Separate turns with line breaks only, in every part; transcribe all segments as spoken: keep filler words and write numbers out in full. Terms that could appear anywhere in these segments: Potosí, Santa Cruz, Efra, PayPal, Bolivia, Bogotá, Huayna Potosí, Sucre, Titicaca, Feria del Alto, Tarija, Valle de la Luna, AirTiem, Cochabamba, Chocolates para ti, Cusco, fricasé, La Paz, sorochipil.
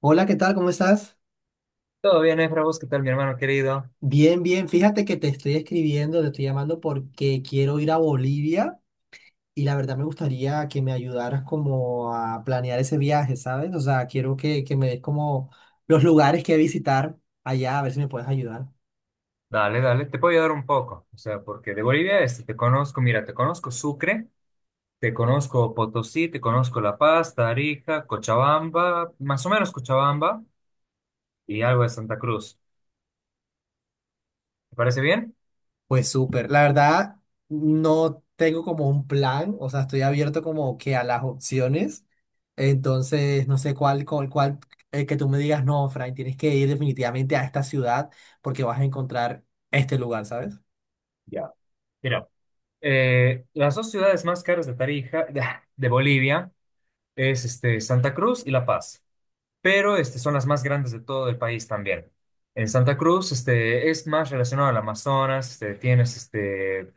Hola, ¿qué tal? ¿Cómo estás?
Todo bien, Efra, ¿vos qué tal, mi hermano querido?
Bien, bien. Fíjate que te estoy escribiendo, te estoy llamando porque quiero ir a Bolivia y la verdad me gustaría que me ayudaras como a planear ese viaje, ¿sabes? O sea, quiero que, que me des como los lugares que visitar allá, a ver si me puedes ayudar.
Dale, dale, te puedo ayudar un poco. O sea, porque de Bolivia este, te conozco, mira, te conozco Sucre, te conozco Potosí, te conozco La Paz, Tarija, Cochabamba, más o menos Cochabamba y algo de Santa Cruz. ¿Te parece bien?
Pues súper, la verdad no tengo como un plan, o sea, estoy abierto como que a las opciones, entonces no sé cuál, cuál, cuál eh, que tú me digas, no, Frank, tienes que ir definitivamente a esta ciudad porque vas a encontrar este lugar, ¿sabes?
Ya. Mira, eh, las dos ciudades más caras de Tarija, de, de Bolivia, es este, Santa Cruz y La Paz, pero este, son las más grandes de todo el país también. En Santa Cruz este, es más relacionado al Amazonas, este, tienes este,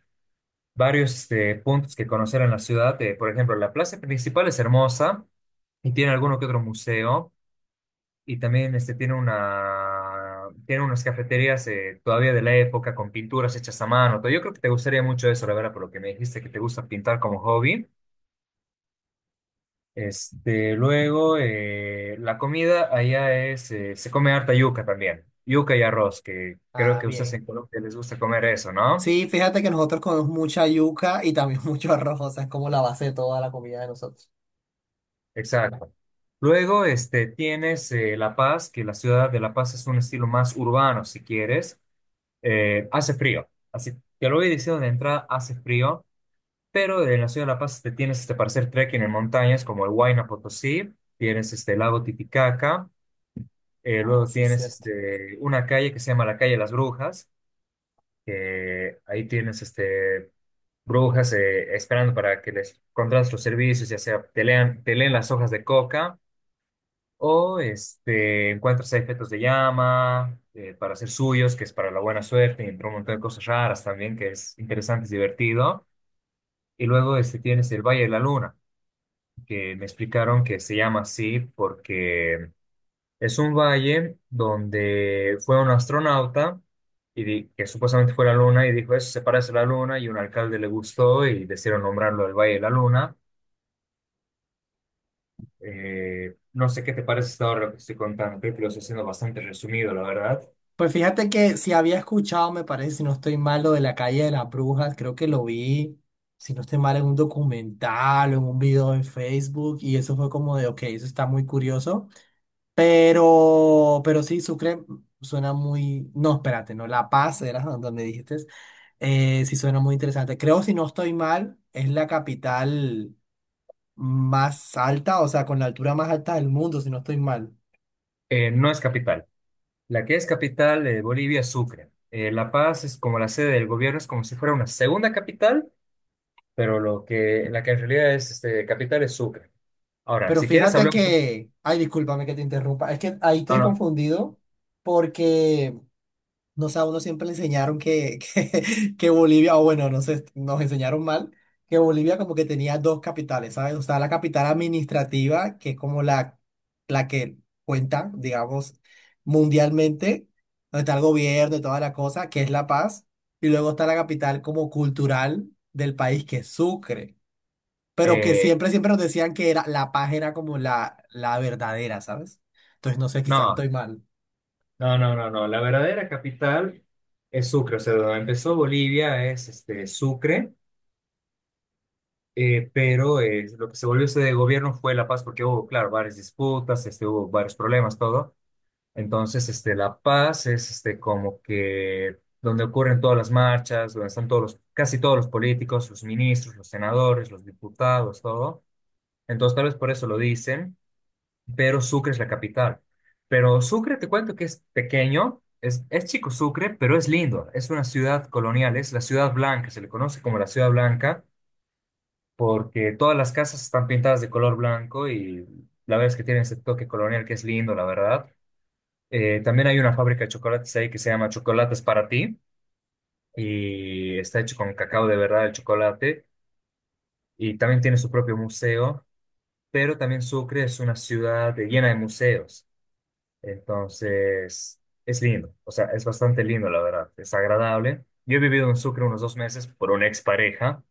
varios este, puntos que conocer en la ciudad. Eh, por ejemplo, la plaza principal es hermosa y tiene alguno que otro museo y también este, tiene una, tiene unas cafeterías eh, todavía de la época con pinturas hechas a mano. Todo. Yo creo que te gustaría mucho eso, la verdad, por lo que me dijiste que te gusta pintar como hobby. Este, luego, eh, la comida allá es, eh, se come harta yuca también, yuca y arroz, que creo
Ah,
que ustedes en
bien.
Colombia les gusta comer eso, ¿no?
Sí, fíjate que nosotros comemos mucha yuca y también mucho arroz, o sea, es como la base de toda la comida de nosotros.
Exacto. Luego, este, tienes eh, La Paz, que la ciudad de La Paz es un estilo más urbano, si quieres. Eh, hace frío, así te lo voy diciendo de entrada, hace frío, pero en la ciudad de La Paz te tienes este, para hacer trekking en montañas como el Huayna Potosí, tienes este, el lago Titicaca, eh,
Ah,
luego
sí, es
tienes
cierto.
este, una calle que se llama la calle de las Brujas, que ahí tienes este, brujas eh, esperando para que les contrates los servicios, ya sea te lean, te leen las hojas de coca. O este, encuentras ahí fetos de llama eh, para hacer suyos, que es para la buena suerte, y entre un montón de cosas raras también, que es interesante, es divertido. Y luego este, tienes el Valle de la Luna, que me explicaron que se llama así porque es un valle donde fue un astronauta y di- que supuestamente fue la Luna y dijo, eso se parece a la Luna, y un alcalde le gustó y decidieron nombrarlo el Valle de la Luna. Eh, no sé qué te parece hasta ahora lo que estoy contando, creo que lo estoy haciendo bastante resumido, la verdad.
Pues fíjate que si había escuchado, me parece, si no estoy mal, lo de la calle de las brujas, creo que lo vi, si no estoy mal, en un documental o en un video en Facebook, y eso fue como de, ok, eso está muy curioso, pero, pero sí, Sucre suena muy, no, espérate, no, La Paz era donde dijiste, eh, sí suena muy interesante. Creo, si no estoy mal, es la capital más alta, o sea, con la altura más alta del mundo, si no estoy mal.
Eh, no es capital. La que es capital de Bolivia es Sucre. Eh, La Paz es como la sede del gobierno, es como si fuera una segunda capital, pero lo que, la que en realidad es este, capital es Sucre. Ahora,
Pero
si quieres
fíjate
hablamos... un-
que, ay, discúlpame que te interrumpa, es que ahí
No,
estoy
no,
confundido porque, no sé, a uno siempre le enseñaron que, que, que Bolivia, o bueno, no sé, nos enseñaron mal, que Bolivia como que tenía dos capitales, ¿sabes? O sea, la capital administrativa, que es como la, la que cuenta, digamos, mundialmente, donde está el gobierno y toda la cosa, que es La Paz, y luego está la capital como cultural del país, que es Sucre, pero que
eh,
siempre, siempre nos decían que era, La Paz era como la, la verdadera, ¿sabes? Entonces, no sé, quizás
no,
estoy mal.
no, no, no, no. La verdadera capital es Sucre. O sea, donde empezó Bolivia es este, Sucre, eh, pero eh, lo que se volvió sede de gobierno fue La Paz porque hubo, claro, varias disputas, este, hubo varios problemas, todo. Entonces, este, La Paz es este, como que donde ocurren todas las marchas, donde están todos los, casi todos los políticos, los ministros, los senadores, los diputados, todo. Entonces, tal vez por eso lo dicen, pero Sucre es la capital. Pero Sucre, te cuento que es pequeño, es, es chico Sucre, pero es lindo. Es una ciudad colonial, es la ciudad blanca, se le conoce como la ciudad blanca, porque todas las casas están pintadas de color blanco y la verdad es que tiene ese toque colonial que es lindo, la verdad. Eh, también hay una fábrica de chocolates ahí que se llama Chocolates Para Ti y está hecho con cacao de verdad el chocolate y también tiene su propio museo, pero también Sucre es una ciudad llena de museos, entonces es lindo, o sea, es bastante lindo la verdad, es agradable. Yo he vivido en Sucre unos dos meses por una expareja,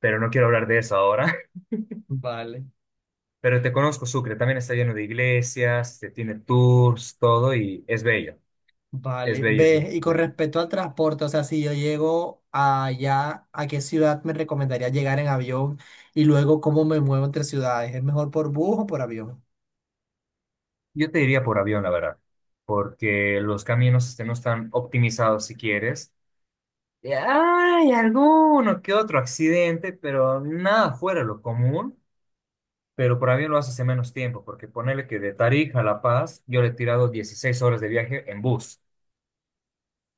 pero no quiero hablar de eso ahora,
Vale,
pero te conozco Sucre, también está lleno de iglesias, este, tiene tours, todo y es bello, es
vale.
bello.
Ve, y
Es
con
bello.
respecto al transporte, o sea, si yo llego allá, ¿a qué ciudad me recomendaría llegar en avión? Y luego, ¿cómo me muevo entre ciudades? ¿Es mejor por bus o por avión?
Yo te diría por avión, la verdad, porque los caminos este, no están optimizados si quieres. Y hay alguno que otro accidente, pero nada fuera de lo común. Pero por avión lo haces en menos tiempo, porque ponele que de Tarija a La Paz yo le he tirado dieciséis horas de viaje en bus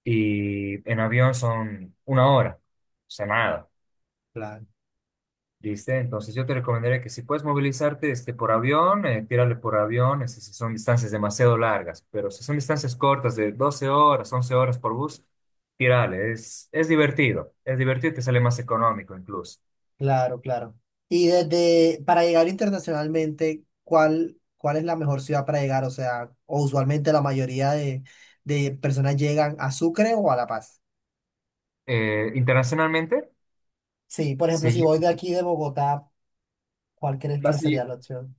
y en avión son una hora, o sea, nada.
Claro,
Listo, entonces yo te recomendaría que si puedes movilizarte este, por avión, eh, tírale por avión, este, si son distancias demasiado largas, pero si son distancias cortas de doce horas, once horas por bus, tírale, es, es divertido, es divertido y te sale más económico incluso.
claro, claro. Y desde, para llegar internacionalmente, ¿cuál, cuál es la mejor ciudad para llegar? O sea, o usualmente la mayoría de, de personas llegan a Sucre o a La Paz.
Eh, internacionalmente,
Sí, por ejemplo,
se,
si
lle-
voy de aquí de Bogotá, ¿cuál crees que
vas a
sería
lle-
la opción?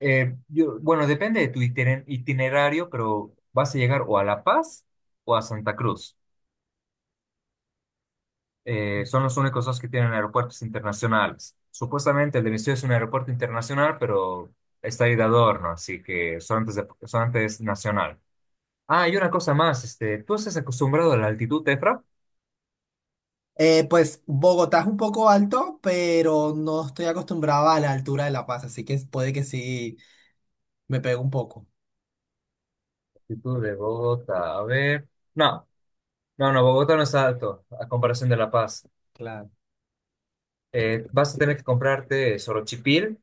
eh, yo- bueno, depende de tu itiner- itinerario, pero vas a llegar o a La Paz o a Santa Cruz. Eh,
Mm.
son los únicos dos que tienen aeropuertos internacionales. Supuestamente el de mi ciudad es un aeropuerto internacional, pero está ahí de adorno, así que solamente es, de- solamente es nacional. Ah, y una cosa más, este, ¿tú estás acostumbrado a la altitud, Efra?
Eh, pues Bogotá es un poco alto, pero no estoy acostumbrado a la altura de La Paz, así que puede que sí me pegue un poco.
Altitud de Bogotá, a ver. No, no, no, Bogotá no es alto a comparación de La Paz.
Claro.
Eh, vas a tener que comprarte sorochipil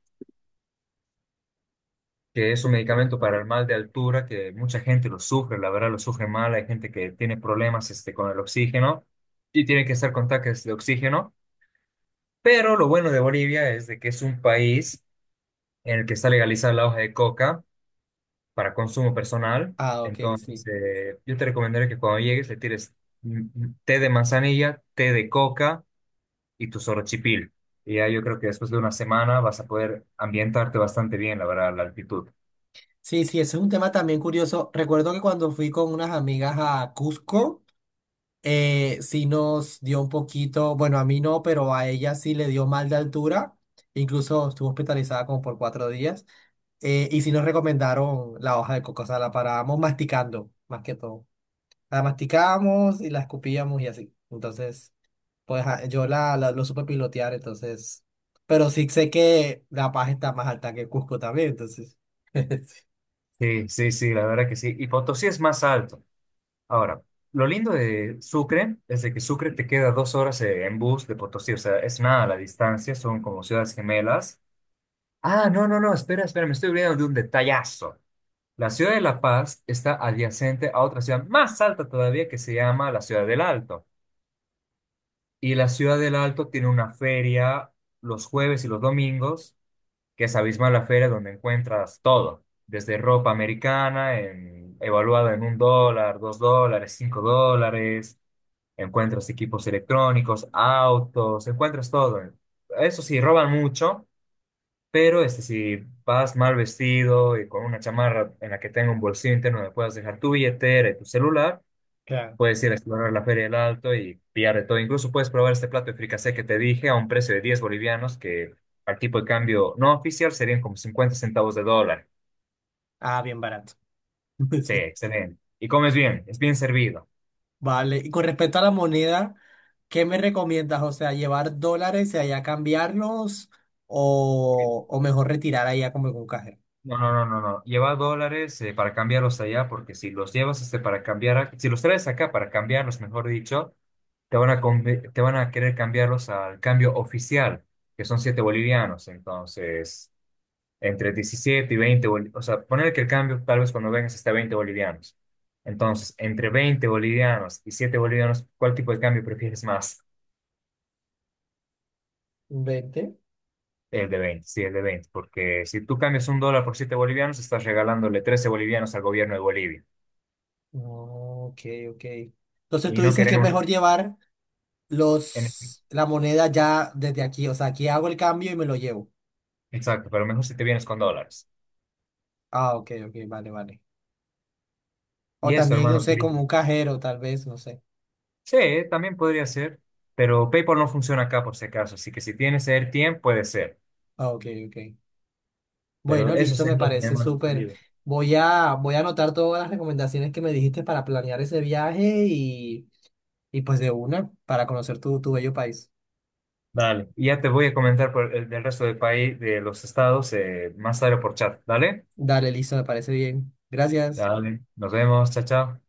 que es un medicamento para el mal de altura, que mucha gente lo sufre, la verdad lo sufre mal, hay gente que tiene problemas este, con el oxígeno y tiene que estar con tanques de oxígeno, pero lo bueno de Bolivia es de que es un país en el que está legalizada la hoja de coca para consumo personal,
Ah, ok,
entonces
sí.
eh, yo te recomendaría que cuando llegues le tires mm, mm, té de manzanilla, té de coca y tu sorochipil. Y ya yo creo que después de una semana vas a poder ambientarte bastante bien, la verdad, a la altitud.
Sí, sí, ese es un tema también curioso. Recuerdo que cuando fui con unas amigas a Cusco, eh, sí nos dio un poquito, bueno, a mí no, pero a ella sí le dio mal de altura, incluso estuvo hospitalizada como por cuatro días, eh, y sí nos recomendaron la hoja de coco, o sea, la parábamos masticando, más que todo. La masticábamos y la escupíamos y así. Entonces, pues ah, yo la, la- lo supe pilotear, entonces, pero sí sé que La Paz está más alta que Cusco también, entonces. Sí.
Sí, sí, sí, la verdad que sí. Y Potosí es más alto. Ahora, lo lindo de Sucre es de que Sucre te queda dos horas eh, en bus de Potosí, o sea, es nada la distancia, son como ciudades gemelas. Ah, no, no, no, espera, espera, me estoy olvidando de un detallazo. La ciudad de La Paz está adyacente a otra ciudad más alta todavía que se llama la ciudad del Alto. Y la ciudad del Alto tiene una feria los jueves y los domingos que es abismal la feria donde encuentras todo, desde ropa americana, en, evaluada en un dólar, dos dólares, cinco dólares, encuentras equipos electrónicos, autos, encuentras todo. Eso sí, roban mucho, pero este, si vas mal vestido y con una chamarra en la que tenga un bolsillo interno donde puedas dejar tu billetera y tu celular,
Claro.
puedes ir a explorar la Feria del Alto y pillar de todo. Incluso puedes probar este plato de fricasé que te dije a un precio de diez bolivianos, que al tipo de cambio no oficial serían como cincuenta centavos de dólar.
Ah, bien barato.
Sí,
Sí.
excelente. Y comes bien, es bien servido.
Vale, y con respecto a la moneda, ¿qué me recomiendas? O sea, llevar dólares y allá cambiarlos
Sí.
o, o mejor retirar allá como en un cajero.
No, no, no, no, no. Lleva dólares eh, para cambiarlos allá, porque si los llevas este, para cambiar, a- si los traes acá para cambiarlos, mejor dicho, te van a, conve- te van a querer cambiarlos al cambio oficial, que son siete bolivianos. Entonces, entre diecisiete y veinte boli- o sea, poner que el cambio tal vez cuando vengas está veinte bolivianos. Entonces, entre veinte bolivianos y siete bolivianos, ¿cuál tipo de cambio prefieres más?
¿Veinte?
El de veinte, sí, el de veinte, porque si tú cambias un dólar por siete bolivianos, estás regalándole trece bolivianos al gobierno de Bolivia.
No, ok, ok. Entonces tú
Y no
dices que es
queremos,
mejor llevar
en-
los, la moneda ya desde aquí. O sea, aquí hago el cambio y me lo llevo.
exacto, pero mejor si te vienes con dólares.
Ah, ok, ok, vale, vale. O
Y eso,
también, no
hermano,
sé, como
querido.
un cajero, tal vez, no sé.
Sí, también podría ser, pero PayPal no funciona acá por si acaso, así que si tienes AirTiem, puede ser.
Ah, ok, ok.
Pero
Bueno,
eso
listo, me
sería, mi
parece
hermano
súper.
querido.
Voy a, voy a anotar todas las recomendaciones que me dijiste para planear ese viaje. Y pues de una, para conocer tu, tu bello país.
Dale. Y ya te voy a comentar por el, del resto del país, de los estados, eh, más tarde por chat. Dale.
Dale, listo, me parece bien. Gracias.
Dale. Nos vemos. Chao, chao.